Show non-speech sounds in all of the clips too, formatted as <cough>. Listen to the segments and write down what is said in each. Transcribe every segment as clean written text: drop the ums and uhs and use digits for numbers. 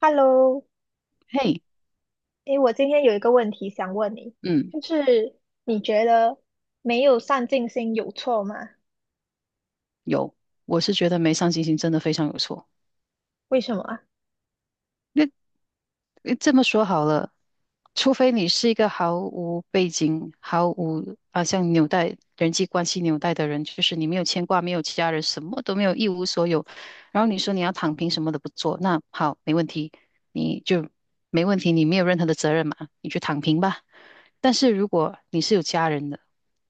Hello，嘿，诶，我今天有一个问题想问你，嗯，就是你觉得没有上进心有错吗？有，我是觉得没上进心真的非常有错。为什么啊？诶这么说好了，除非你是一个毫无背景、毫无像纽带人际关系纽带的人，就是你没有牵挂、没有其他人，什么都没有，一无所有。然后你说你要躺平，什么都不做，那好，没问题，你就没问题，你没有任何的责任嘛，你去躺平吧。但是如果你是有家人的，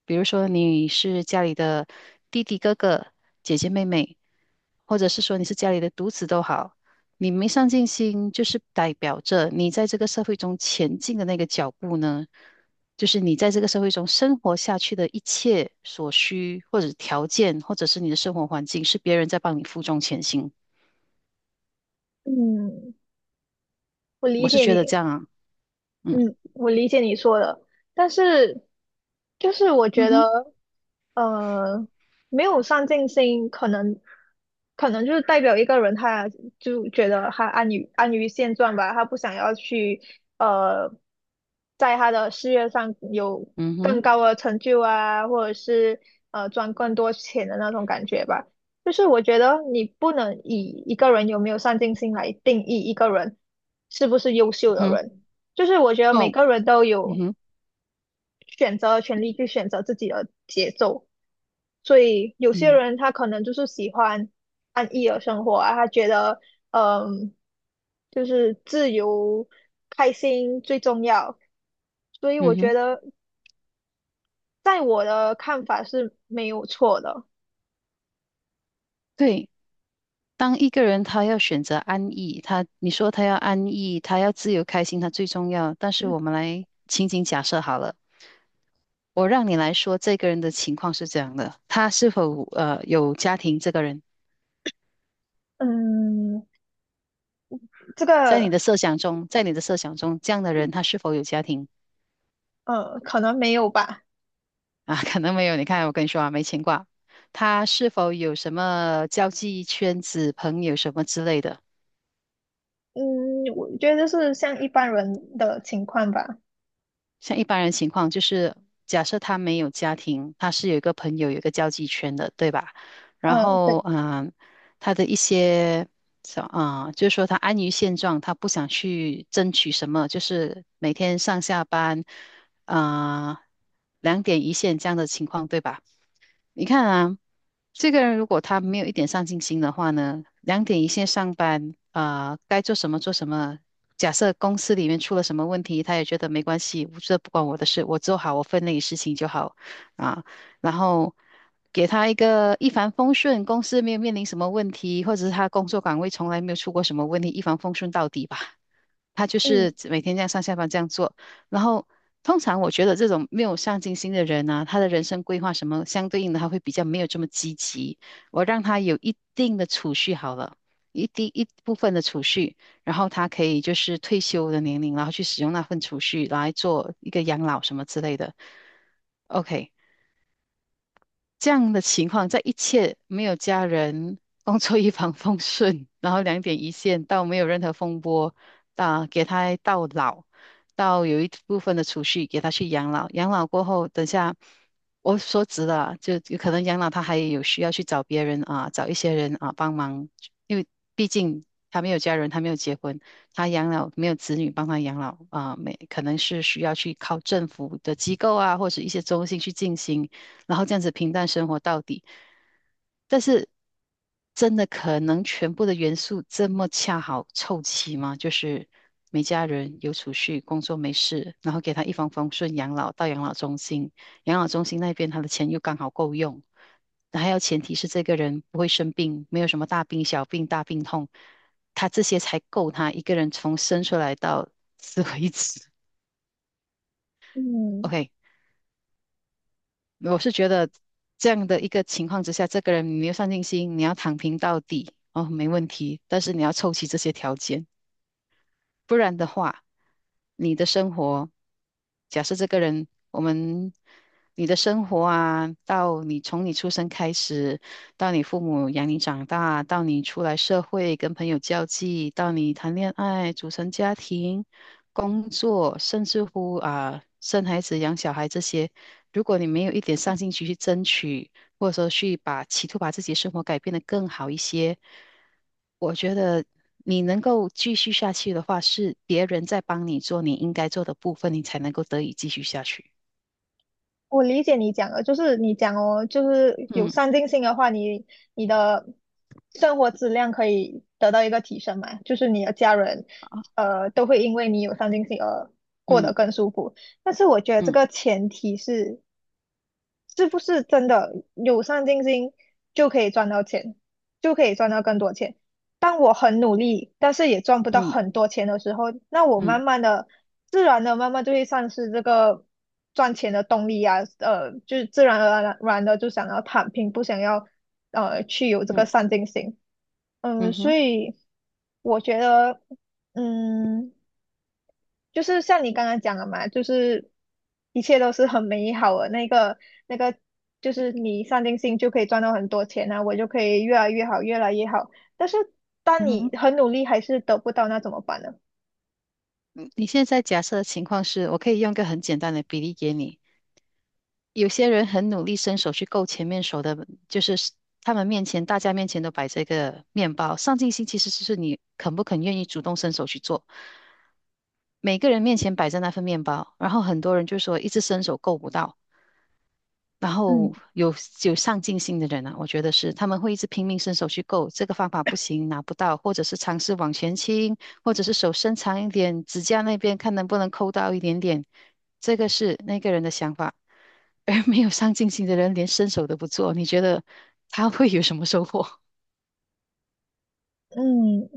比如说你是家里的弟弟、哥哥、姐姐、妹妹，或者是说你是家里的独子都好，你没上进心，就是代表着你在这个社会中前进的那个脚步呢，就是你在这个社会中生活下去的一切所需，或者条件，或者是你的生活环境，是别人在帮你负重前行。嗯，我理我是解觉得这你。样啊。嗯嗯，我理解你说的，但是就是我觉嗯哼，得，呃，没有上进心，可能就是代表一个人，他就觉得他安于现状吧，他不想要去，呃，在他的事业上有嗯更哼，高的成就啊，或者是赚更多钱的那种感觉吧。就是我觉得你不能以一个人有没有上进心来定义一个人是不是优秀嗯的哼，人。就是我觉得每哦，个人都嗯有哼，选择的权利去选择自己的节奏，所以有些嗯人他可能就是喜欢安逸的生活啊，他觉得嗯，就是自由开心最重要，所以我嗯觉哼，得在我的看法是没有错的。对。当一个人他要选择安逸，你说他要安逸，他要自由开心，他最重要。但是我们来情景假设好了，我让你来说这个人的情况是这样的，他是否有家庭？这个人嗯，这在个你的设想中，在你的设想中，这样的人他是否有家庭可能没有吧。啊？可能没有。你看，我跟你说啊，没牵挂。他是否有什么交际圈子、朋友什么之类的？嗯，我觉得是像一般人的情况吧。像一般人情况，就是假设他没有家庭，他是有一个朋友，有一个交际圈的，对吧？然嗯，后，对，他的一些，就是说他安于现状，他不想去争取什么，就是每天上下班，啊、两点一线这样的情况，对吧？你看啊，这个人如果他没有一点上进心的话呢，两点一线上班啊，该做什么做什么。假设公司里面出了什么问题，他也觉得没关系，我这不关我的事，我做好我分内的事情就好啊。然后给他一个一帆风顺，公司没有面临什么问题，或者是他工作岗位从来没有出过什么问题，一帆风顺到底吧。他就嗯是每天这样上下班这样做。然后，通常我觉得这种没有上进心的人呢、他的人生规划什么相对应的，他会比较没有这么积极。我让他有一定的储蓄好了，一定一部分的储蓄，然后他可以就是退休的年龄，然后去使用那份储蓄来做一个养老什么之类的。OK，这样的情况，在一切没有家人、工作一帆风顺，<laughs> 然后两点一线，到没有任何风波，啊，给他到老，到有一部分的储蓄给他去养老。养老过后，等下我说直了啊就有可能养老他还有需要去找别人啊，找一些人啊帮忙，因为毕竟他没有家人，他没有结婚，他养老没有子女帮他养老啊，没可能是需要去靠政府的机构啊，或者一些中心去进行。然后这样子平淡生活到底。但是真的可能全部的元素这么恰好凑齐吗？就是没家人，有储蓄，工作没事，然后给他一帆风顺养老到养老中心，养老中心那边他的钱又刚好够用，还要前提是这个人不会生病，没有什么大病小病大病痛，他这些才够他一个人从生出来到死为止。<laughs> 嗯。OK，我是觉得这样的一个情况之下，这个人你没有上进心，你要躺平到底，哦，没问题，但是你要凑齐这些条件。不然的话，你的生活，假设这个人，我们，你的生活啊，到你从你出生开始，到你父母养你长大，到你出来社会跟朋友交际，到你谈恋爱、组成家庭、工作，甚至乎啊，生孩子、养小孩这些，如果你没有一点上进心去争取，或者说企图把自己的生活改变得更好一些，我觉得你能够继续下去的话，是别人在帮你做你应该做的部分，你才能够得以继续下去。我理解你讲的，就是你讲哦，就是有嗯上进心的话，你的生活质量可以得到一个提升嘛，就是你的家人，呃，都会因为你有上进心而过得嗯更舒服。但是我觉得这嗯个前提是，是不是真的有上进心就可以赚到钱，就可以赚到更多钱？当我很努力，但是也赚不到嗯很多钱的时候，那我慢嗯慢的、自然的、慢慢就会丧失这个赚钱的动力啊。就是自然而然的就想要躺平，不想要去有这个嗯上进心。嗯，嗯所哼以我觉得，嗯，就是像你刚刚讲的嘛，就是一切都是很美好的那个那个，就是你上进心就可以赚到很多钱啊，我就可以越来越好，越来越好。但是当嗯你哼。很努力还是得不到，那怎么办呢？嗯你现在假设的情况是，我可以用一个很简单的比例给你。有些人很努力伸手去够前面手的，就是他们面前，大家面前都摆着一个面包。上进心其实就是你肯不肯愿意主动伸手去做。每个人面前摆着那份面包，然后很多人就说一直伸手够不到，然后嗯有上进心的人呢，我觉得是他们会一直拼命伸手去够，这个方法不行，拿不到，或者是尝试往前倾，或者是手伸长一点，指甲那边看能不能抠到一点点，这个是那个人的想法。<laughs> 而没有上进心的人连伸手都不做，你觉得他会有什么收获？<laughs> 嗯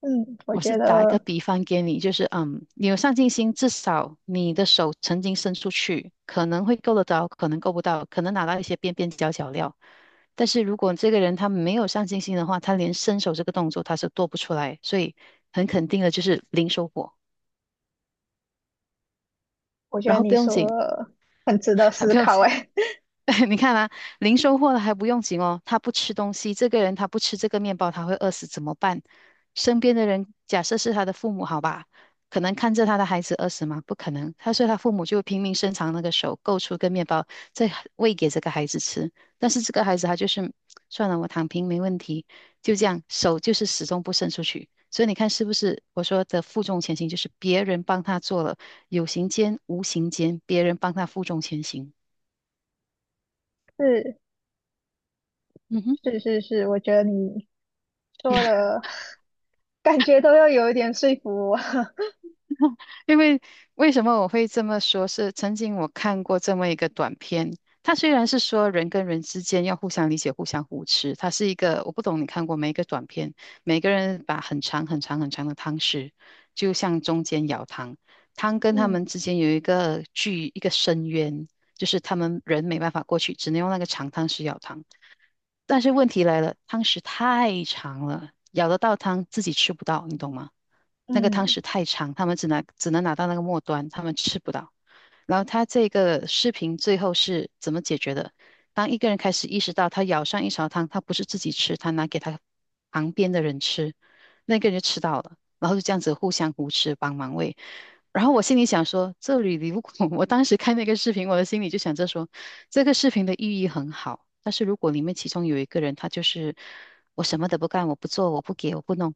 嗯，我我觉是打一个得比方给你，就是你有上进心，至少你的手曾经伸出去，可能会够得着，可能够不到，可能拿到一些边边角角料。但是如果这个人他没有上进心的话，他连伸手这个动作他是做不出来，所以很肯定的就是零收获。然后不你用说紧，的很值得 <laughs> 思不用考，紧，哎，<laughs> 你看啊，零收获了还不用紧哦，他不吃东西，这个人他不吃这个面包，他会饿死怎么办？身边的人，假设是他的父母，好吧，可能看着他的孩子饿死吗？不可能，所以他父母就拼命伸长那个手，够出个面包，再喂给这个孩子吃。但是这个孩子他就是算了，我躺平没问题，就这样，手就是始终不伸出去。所以你看是不是我说的负重前行，就是别人帮他做了，有形间无形间，别人帮他负重前行。<laughs> 是嗯哼。是是是，我觉得你说的 <laughs> 感觉都要有一点说服我。<laughs> 因为为什么我会这么说？是曾经我看过这么一个短片，它虽然是说人跟人之间要互相理解、互相扶持，它是一个我不懂你看过没？一个短片，每个人把很长很长很长的汤匙，就向中间舀汤，汤 <laughs> 跟他们嗯之间有一个深渊，就是他们人没办法过去，只能用那个长汤匙舀汤。但是问题来了，汤匙太长了，舀得到汤自己吃不到，你懂吗？那个汤嗯匙太长，他们只能拿到那个末端，他们吃不到。然后他这个视频最后是怎么解决的？当一个人开始意识到他舀上一勺汤，他不是自己吃，他拿给他旁边的人吃，那个人就吃到了，然后就这样子互相扶持，帮忙喂。然后我心里想说，这里如果 <laughs> 我当时看那个视频，我的心里就想着说，这个视频的寓意很好，但是如果里面其中有一个人，他就是我什么都不干，我不做，我不给，我不弄，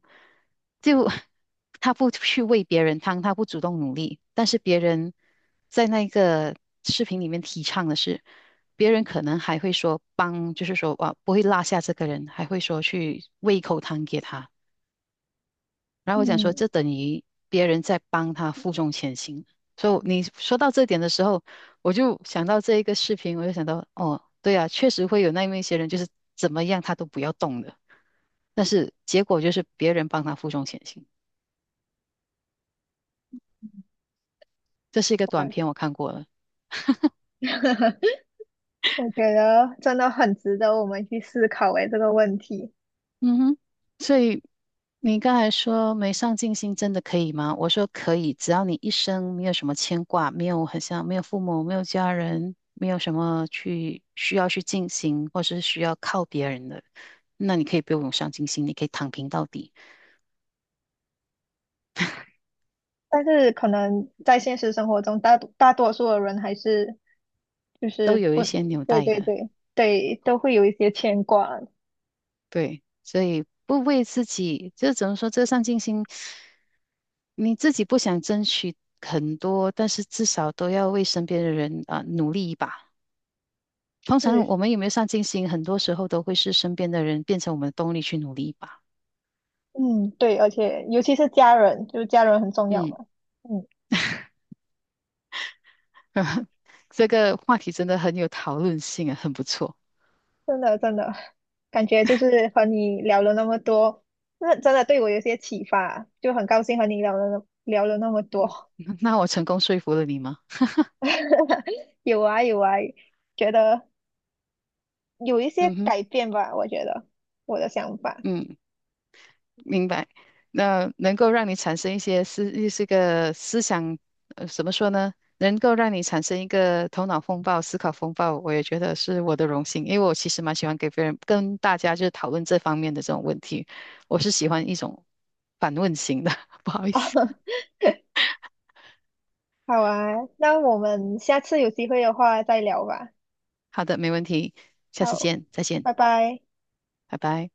就 <laughs> 他不去喂别人汤，他不主动努力，但是别人在那个视频里面提倡的是，别人可能还会说帮，就是说哇，不会落下这个人，还会说去喂一口汤给他。然后我想说，嗯，这等于别人在帮他负重前行。所以你说到这点的时候，我就想到这一个视频，我就想到，哦，对啊，确实会有那么一些人，就是怎么样他都不要动的，但是结果就是别人帮他负重前行。这是一个好吧。 短片，我看过了。<laughs> 我觉得真的很值得我们去思考诶这个问题。嗯哼，所以你刚才说没上进心真的可以吗？我说可以，只要你一生没有什么牵挂，没有很像没有父母，没有家人，没有什么去需要去进行，或是需要靠别人的，那你可以不用有上进心，你可以躺平到底，但是可能在现实生活中，大多数的人还是就都是有不。一些纽对带对的。对对，都会有一些牵挂。对，所以不为自己，这怎么说？这个上进心，你自己不想争取很多，但是至少都要为身边的人啊、努力一把。通常是，我们有没有上进心，很多时候都会是身边的人变成我们的动力去努力吧。嗯，对，而且尤其是家人，就是家人很重要嗯，嘛。嗯，这个话题真的很有讨论性啊，很不错。真的真的，感觉就是和你聊了那么多，那真的对我有些启发，就很高兴和你聊了那么多。<laughs> 那我成功说服了你吗？<laughs> 有啊有啊，觉得有一些嗯哼，改变吧，我觉得我的想法。嗯，明白。那能够让你产生一些思，这个思想，怎么说呢？能够让你产生一个头脑风暴、思考风暴，我也觉得是我的荣幸，因为我其实蛮喜欢给别人跟大家就是讨论这方面的这种问题，我是喜欢一种反问型的，<laughs> 不好意思。<laughs> 好啊，那我们下次有机会的话再聊吧。好的，没问题，下次好，见，再见，拜拜。拜拜。